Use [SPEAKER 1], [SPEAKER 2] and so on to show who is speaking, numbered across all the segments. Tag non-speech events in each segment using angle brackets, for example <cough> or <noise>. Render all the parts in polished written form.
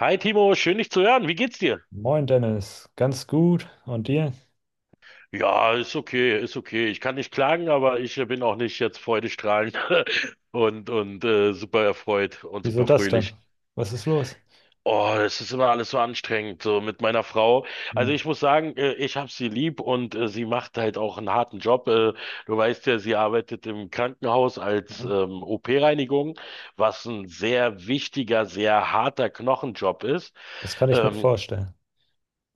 [SPEAKER 1] Hi Timo, schön dich zu hören. Wie geht's dir?
[SPEAKER 2] Moin Dennis, ganz gut. Und dir?
[SPEAKER 1] Ja, ist okay, ist okay. Ich kann nicht klagen, aber ich bin auch nicht jetzt freudestrahlend <laughs> und super erfreut und
[SPEAKER 2] Wieso
[SPEAKER 1] super
[SPEAKER 2] das denn?
[SPEAKER 1] fröhlich.
[SPEAKER 2] Was ist los?
[SPEAKER 1] Oh, es ist immer alles so anstrengend, so mit meiner Frau.
[SPEAKER 2] Hm.
[SPEAKER 1] Also ich muss sagen, ich habe sie lieb und sie macht halt auch einen harten Job. Du weißt ja, sie arbeitet im Krankenhaus als
[SPEAKER 2] Mhm.
[SPEAKER 1] OP-Reinigung, was ein sehr wichtiger, sehr harter Knochenjob ist.
[SPEAKER 2] Das kann ich mir
[SPEAKER 1] Ähm,
[SPEAKER 2] vorstellen.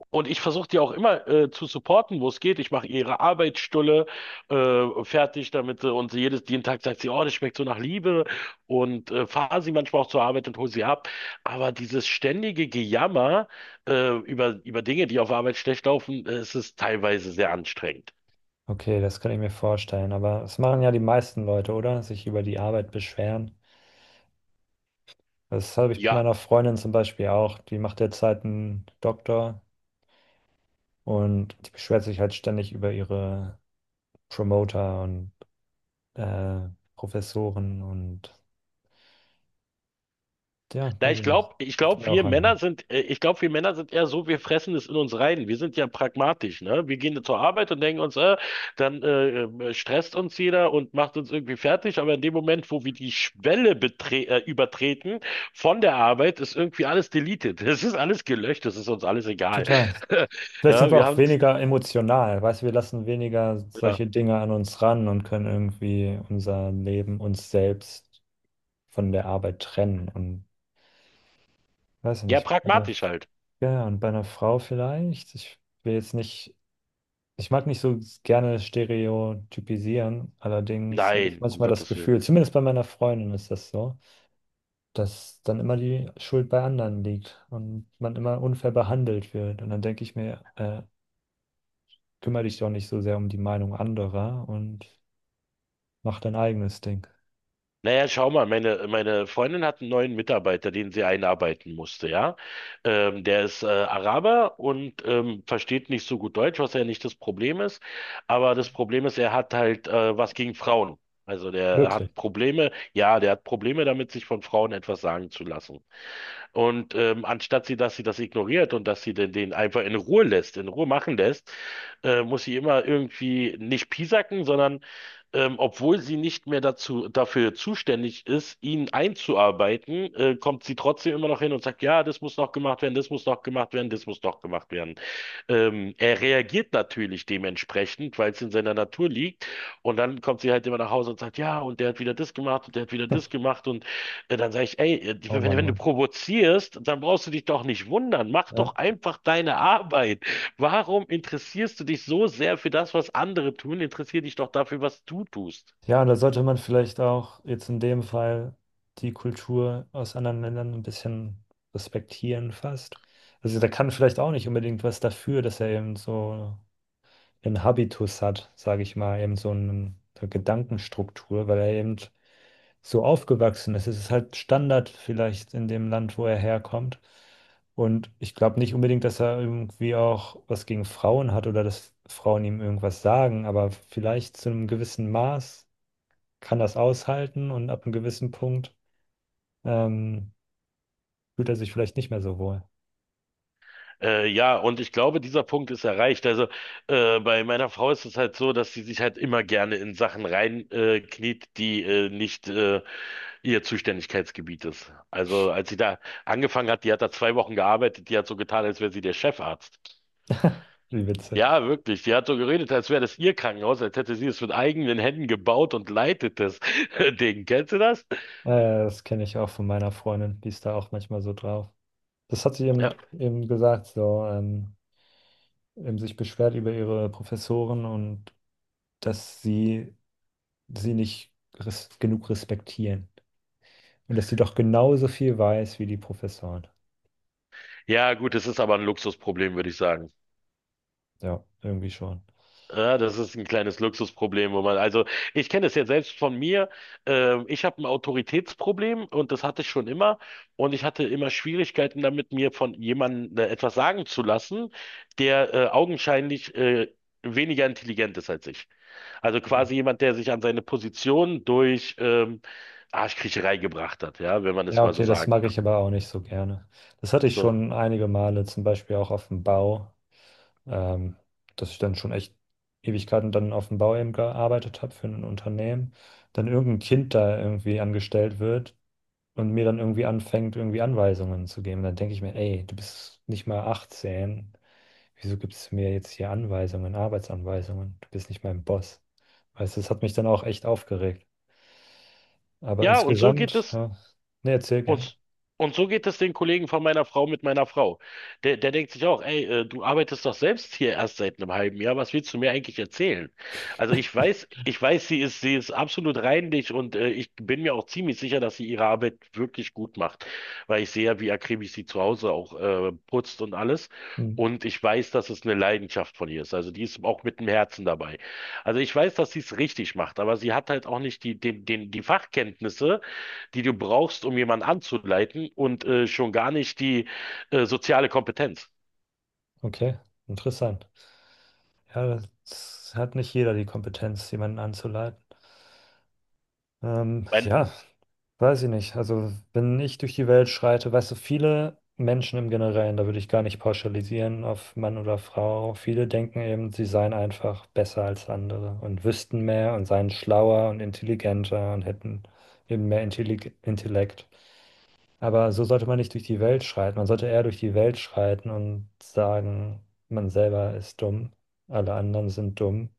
[SPEAKER 1] Und ich versuche die auch immer zu supporten, wo es geht. Ich mache ihre Arbeitsstulle fertig, damit und sie jeden Tag sagt sie, oh, das schmeckt so nach Liebe und fahre sie manchmal auch zur Arbeit und hole sie ab. Aber dieses ständige Gejammer über Dinge, die auf Arbeit schlecht laufen, es ist teilweise sehr anstrengend.
[SPEAKER 2] Okay, das kann ich mir vorstellen. Aber das machen ja die meisten Leute, oder? Sich über die Arbeit beschweren. Das habe ich bei
[SPEAKER 1] Ja.
[SPEAKER 2] meiner Freundin zum Beispiel auch. Die macht derzeit einen Doktor und die beschwert sich halt ständig über ihre Promoter und äh, Professoren und ja,
[SPEAKER 1] Na,
[SPEAKER 2] weiß ich nicht.
[SPEAKER 1] ich
[SPEAKER 2] Das wird
[SPEAKER 1] glaube,
[SPEAKER 2] mir auch
[SPEAKER 1] wir Männer
[SPEAKER 2] anhören.
[SPEAKER 1] sind, eher so, wir fressen es in uns rein. Wir sind ja pragmatisch, ne? Wir gehen zur Arbeit und denken uns, dann stresst uns jeder und macht uns irgendwie fertig. Aber in dem Moment, wo wir die Schwelle betre übertreten von der Arbeit, ist irgendwie alles deleted. <laughs> Es ist alles gelöscht, es ist uns alles egal.
[SPEAKER 2] Total.
[SPEAKER 1] <laughs>
[SPEAKER 2] Vielleicht sind
[SPEAKER 1] Ja,
[SPEAKER 2] wir
[SPEAKER 1] wir
[SPEAKER 2] auch
[SPEAKER 1] haben,
[SPEAKER 2] weniger emotional, weißt du, wir lassen weniger
[SPEAKER 1] ja,
[SPEAKER 2] solche Dinge an uns ran und können irgendwie unser Leben, uns selbst von der Arbeit trennen. Und weiß ich
[SPEAKER 1] ja,
[SPEAKER 2] nicht, bei einer,
[SPEAKER 1] pragmatisch halt.
[SPEAKER 2] ja, ja, und bei einer Frau vielleicht. Ich will jetzt nicht, ich mag nicht so gerne stereotypisieren, allerdings habe ich
[SPEAKER 1] Nein, um
[SPEAKER 2] manchmal das
[SPEAKER 1] Gottes Willen.
[SPEAKER 2] Gefühl, zumindest bei meiner Freundin ist das so, dass dann immer die Schuld bei anderen liegt und man immer unfair behandelt wird. Und dann denke ich mir, kümmere dich doch nicht so sehr um die Meinung anderer und mach dein eigenes Ding.
[SPEAKER 1] Naja, schau mal, meine Freundin hat einen neuen Mitarbeiter, den sie einarbeiten musste, ja. Der ist Araber und versteht nicht so gut Deutsch, was ja nicht das Problem ist. Aber das Problem ist, er hat halt was gegen Frauen. Also der
[SPEAKER 2] Wirklich.
[SPEAKER 1] hat Probleme, ja, der hat Probleme damit, sich von Frauen etwas sagen zu lassen. Und anstatt sie, dass sie das ignoriert und dass sie den einfach in Ruhe lässt, in Ruhe machen lässt, muss sie immer irgendwie nicht piesacken, sondern obwohl sie nicht mehr dafür zuständig ist, ihn einzuarbeiten, kommt sie trotzdem immer noch hin und sagt, ja, das muss noch gemacht werden, das muss noch gemacht werden, das muss noch gemacht werden. Er reagiert natürlich dementsprechend, weil es in seiner Natur liegt. Und dann kommt sie halt immer nach Hause und sagt, ja, und der hat wieder das gemacht und der hat wieder das
[SPEAKER 2] <laughs>
[SPEAKER 1] gemacht. Und ja, dann sage ich, ey,
[SPEAKER 2] Oh Mann, oh
[SPEAKER 1] wenn du
[SPEAKER 2] Mann.
[SPEAKER 1] provozierst, dann brauchst du dich doch nicht wundern. Mach
[SPEAKER 2] Ja.
[SPEAKER 1] doch einfach deine Arbeit. Warum interessierst du dich so sehr für das, was andere tun? Interessier dich doch dafür, was du tust.
[SPEAKER 2] Ja, da sollte man vielleicht auch jetzt in dem Fall die Kultur aus anderen Ländern ein bisschen respektieren fast. Also da kann vielleicht auch nicht unbedingt was dafür, dass er eben so einen Habitus hat, sage ich mal, eben so einen- eine Gedankenstruktur, weil er eben so aufgewachsen ist. Es ist halt Standard vielleicht in dem Land, wo er herkommt. Und ich glaube nicht unbedingt, dass er irgendwie auch was gegen Frauen hat oder dass Frauen ihm irgendwas sagen, aber vielleicht zu einem gewissen Maß kann das aushalten und ab einem gewissen Punkt ähm, fühlt er sich vielleicht nicht mehr so wohl.
[SPEAKER 1] Ja, und ich glaube, dieser Punkt ist erreicht. Also bei meiner Frau ist es halt so, dass sie sich halt immer gerne in Sachen rein kniet, die nicht ihr Zuständigkeitsgebiet ist. Also als sie da angefangen hat, die hat da zwei Wochen gearbeitet, die hat so getan, als wäre sie der Chefarzt.
[SPEAKER 2] Wie witzig.
[SPEAKER 1] Ja, wirklich. Die hat so geredet, als wäre das ihr Krankenhaus, als hätte sie es mit eigenen Händen gebaut und leitet das <laughs> Ding. Kennst du das?
[SPEAKER 2] Äh, Das kenne ich auch von meiner Freundin, die ist da auch manchmal so drauf. Das hat sie eben,
[SPEAKER 1] Ja.
[SPEAKER 2] eben gesagt, so eben sich beschwert über ihre Professoren und dass sie nicht res genug respektieren. Und dass sie doch genauso viel weiß wie die Professoren.
[SPEAKER 1] Ja, gut, das ist aber ein Luxusproblem, würde ich sagen.
[SPEAKER 2] Ja, irgendwie schon.
[SPEAKER 1] Ja, das ist ein kleines Luxusproblem, wo man, also ich kenne das ja selbst von mir. Ich habe ein Autoritätsproblem und das hatte ich schon immer. Und ich hatte immer Schwierigkeiten damit, mir von jemandem etwas sagen zu lassen, der augenscheinlich weniger intelligent ist als ich. Also
[SPEAKER 2] Mhm.
[SPEAKER 1] quasi jemand, der sich an seine Position durch Arschkriecherei gebracht hat, ja, wenn man es
[SPEAKER 2] Ja,
[SPEAKER 1] mal so
[SPEAKER 2] okay, das
[SPEAKER 1] sagen
[SPEAKER 2] mag
[SPEAKER 1] kann.
[SPEAKER 2] ich aber auch nicht so gerne. Das hatte ich
[SPEAKER 1] So.
[SPEAKER 2] schon einige Male, zum Beispiel auch auf dem Bau, ähm, dass ich dann schon echt Ewigkeiten dann auf dem Bau eben gearbeitet habe für ein Unternehmen. Dann irgendein Kind da irgendwie angestellt wird und mir dann irgendwie anfängt, irgendwie Anweisungen zu geben. Dann denke ich mir, ey, du bist nicht mal 18. Wieso gibst du mir jetzt hier Anweisungen, Arbeitsanweisungen? Du bist nicht mein Boss. Weißt du, das hat mich dann auch echt aufgeregt. Aber
[SPEAKER 1] Ja, und so geht
[SPEAKER 2] insgesamt,
[SPEAKER 1] es
[SPEAKER 2] ja, ne, erzähl gerne.
[SPEAKER 1] Und, und so geht es den Kollegen von meiner Frau mit meiner Frau. Der denkt sich auch, ey, du arbeitest doch selbst hier erst seit einem halben Jahr, was willst du mir eigentlich erzählen? Also ich weiß, sie ist absolut reinlich und ich bin mir auch ziemlich sicher, dass sie ihre Arbeit wirklich gut macht, weil ich sehe ja, wie akribisch sie zu Hause auch putzt und alles.
[SPEAKER 2] Hm,
[SPEAKER 1] Und ich weiß, dass es eine Leidenschaft von ihr ist. Also die ist auch mit dem Herzen dabei. Also ich weiß, dass sie es richtig macht, aber sie hat halt auch nicht die Fachkenntnisse, die du brauchst, um jemanden anzuleiten und schon gar nicht die soziale Kompetenz.
[SPEAKER 2] okay, interessant. Ja, das hat nicht jeder die Kompetenz, jemanden anzuleiten.
[SPEAKER 1] Mein,
[SPEAKER 2] Ja, weiß ich nicht. Also, wenn ich durch die Welt schreite, weißt du, viele Menschen im Generellen, da würde ich gar nicht pauschalisieren auf Mann oder Frau, viele denken eben, sie seien einfach besser als andere und wüssten mehr und seien schlauer und intelligenter und hätten eben mehr Intellig Intellekt. Aber so sollte man nicht durch die Welt schreiten. Man sollte eher durch die Welt schreiten und sagen, man selber ist dumm, alle anderen sind dumm.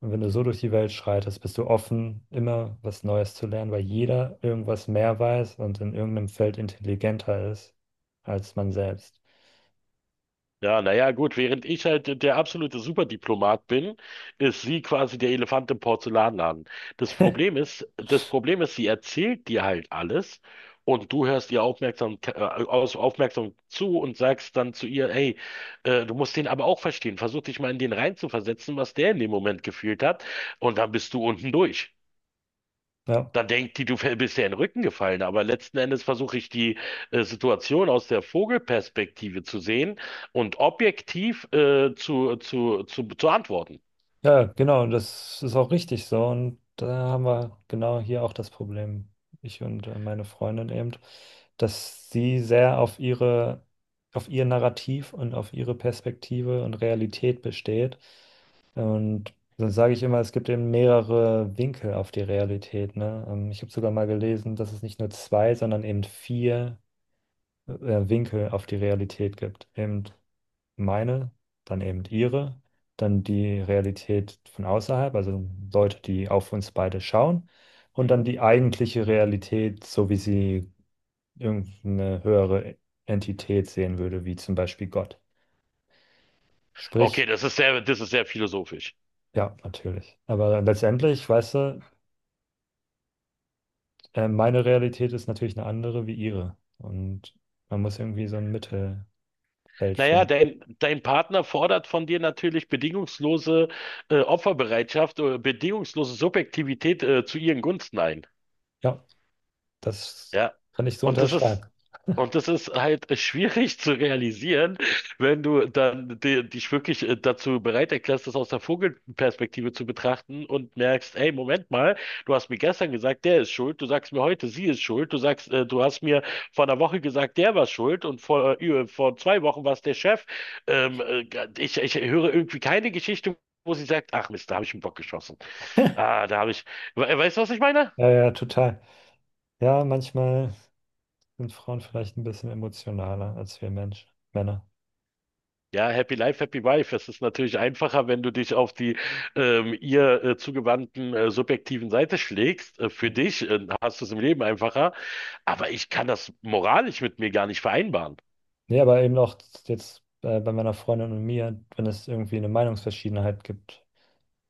[SPEAKER 2] Und wenn du so durch die Welt schreitest, bist du offen, immer was Neues zu lernen, weil jeder irgendwas mehr weiß und in irgendeinem Feld intelligenter ist als man selbst.
[SPEAKER 1] ja, naja, gut, während ich halt der absolute Superdiplomat bin, ist sie quasi der Elefant im Porzellanladen. Das Problem ist, sie erzählt dir halt alles und du hörst ihr aufmerksam zu und sagst dann zu ihr, hey, du musst den aber auch verstehen. Versuch dich mal in den reinzuversetzen, was der in dem Moment gefühlt hat und dann bist du unten durch.
[SPEAKER 2] Ja.
[SPEAKER 1] Dann denkt die, du bist ja in den Rücken gefallen, aber letzten Endes versuche ich die Situation aus der Vogelperspektive zu sehen und objektiv zu antworten.
[SPEAKER 2] Ja, genau, das ist auch richtig so. Und da haben wir genau hier auch das Problem, ich und meine Freundin eben, dass sie sehr auf ihre, auf ihr Narrativ und auf ihre Perspektive und Realität besteht. Und dann sage ich immer, es gibt eben mehrere Winkel auf die Realität, ne? Ich habe sogar mal gelesen, dass es nicht nur zwei, sondern eben vier äh, Winkel auf die Realität gibt. Eben meine, dann eben ihre, dann die Realität von außerhalb, also Leute, die auf uns beide schauen, und dann
[SPEAKER 1] Mhm.
[SPEAKER 2] die eigentliche Realität, so wie sie irgendeine höhere Entität sehen würde, wie zum Beispiel Gott.
[SPEAKER 1] Okay,
[SPEAKER 2] Sprich,
[SPEAKER 1] das ist das ist sehr philosophisch.
[SPEAKER 2] ja, natürlich. Aber letztendlich, weißt du, meine Realität ist natürlich eine andere wie ihre. Und man muss irgendwie so ein Mittelfeld
[SPEAKER 1] Naja,
[SPEAKER 2] finden.
[SPEAKER 1] dein Partner fordert von dir natürlich bedingungslose Opferbereitschaft oder bedingungslose Subjektivität zu ihren Gunsten ein.
[SPEAKER 2] Ja, das
[SPEAKER 1] Ja.
[SPEAKER 2] kann ich so
[SPEAKER 1] Und das
[SPEAKER 2] unterschreiben.
[SPEAKER 1] ist, und das ist halt <laughs> schwierig zu realisieren, wenn du dann dich wirklich dazu bereit erklärst, das aus der Vogelperspektive zu betrachten und merkst, ey, Moment mal, du hast mir gestern gesagt, der ist schuld, du sagst mir heute, sie ist schuld, du sagst, du hast mir vor einer Woche gesagt, der war schuld und vor zwei Wochen war es der Chef. Ähm, äh, ich ich höre irgendwie keine Geschichte, wo sie sagt, ach Mist, da habe ich einen Bock geschossen. Ah, da habe ich, we weißt du, was ich meine?
[SPEAKER 2] Ja, ja, total. Ja, manchmal sind Frauen vielleicht ein bisschen emotionaler als wir Männer.
[SPEAKER 1] Ja, Happy Life, Happy Wife. Es ist natürlich einfacher, wenn du dich auf die ihr zugewandten subjektiven Seite schlägst. Für
[SPEAKER 2] Hm.
[SPEAKER 1] dich hast du es im Leben einfacher. Aber ich kann das moralisch mit mir gar nicht vereinbaren.
[SPEAKER 2] Nee, aber eben auch jetzt bei meiner Freundin und mir, wenn es irgendwie eine Meinungsverschiedenheit gibt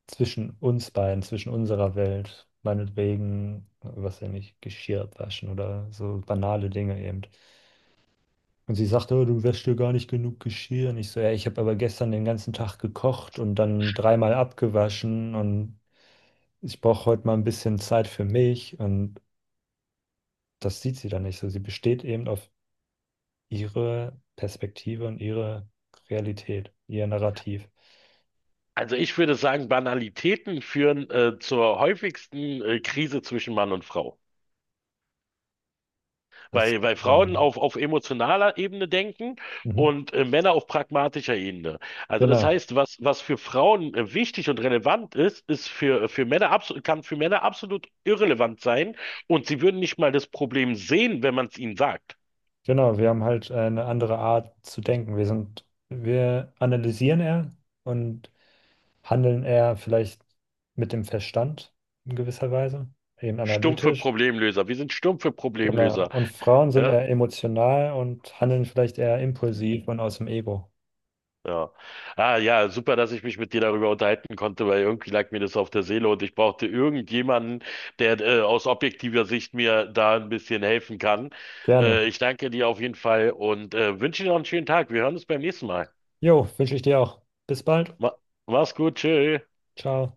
[SPEAKER 2] zwischen uns beiden, zwischen unserer Welt, meinetwegen, was ja nicht, Geschirr waschen oder so banale Dinge eben. Und sie sagte oh, du wäschst dir gar nicht genug Geschirr. Und ich so, ja, ich habe aber gestern den ganzen Tag gekocht und dann dreimal abgewaschen und ich brauche heute mal ein bisschen Zeit für mich. Und das sieht sie dann nicht so. Sie besteht eben auf ihre Perspektive und ihre Realität, ihr Narrativ.
[SPEAKER 1] Also ich würde sagen, Banalitäten führen zur häufigsten Krise zwischen Mann und Frau.
[SPEAKER 2] Das
[SPEAKER 1] Weil
[SPEAKER 2] kann
[SPEAKER 1] Frauen
[SPEAKER 2] sein.
[SPEAKER 1] auf emotionaler Ebene denken
[SPEAKER 2] Ja. Mhm.
[SPEAKER 1] und Männer auf pragmatischer Ebene. Also das
[SPEAKER 2] Genau,
[SPEAKER 1] heißt, was für Frauen wichtig und relevant ist, ist für Männer absolut, kann für Männer absolut irrelevant sein und sie würden nicht mal das Problem sehen, wenn man es ihnen sagt.
[SPEAKER 2] genau. Wir haben halt eine andere Art zu denken. Wir sind, wir analysieren eher und handeln eher vielleicht mit dem Verstand in gewisser Weise, eben
[SPEAKER 1] Stumpfe
[SPEAKER 2] analytisch.
[SPEAKER 1] Problemlöser. Wir sind stumpfe
[SPEAKER 2] Genau.
[SPEAKER 1] Problemlöser.
[SPEAKER 2] Und Frauen sind
[SPEAKER 1] Ja,
[SPEAKER 2] eher emotional und handeln vielleicht eher impulsiv und aus dem Ego.
[SPEAKER 1] ja. Ah ja, super, dass ich mich mit dir darüber unterhalten konnte, weil irgendwie lag mir das auf der Seele und ich brauchte irgendjemanden, der aus objektiver Sicht mir da ein bisschen helfen kann.
[SPEAKER 2] Gerne.
[SPEAKER 1] Ich danke dir auf jeden Fall und wünsche dir noch einen schönen Tag. Wir hören uns beim nächsten Mal.
[SPEAKER 2] Jo, wünsche ich dir auch. Bis bald.
[SPEAKER 1] Ma mach's gut, tschö.
[SPEAKER 2] Ciao.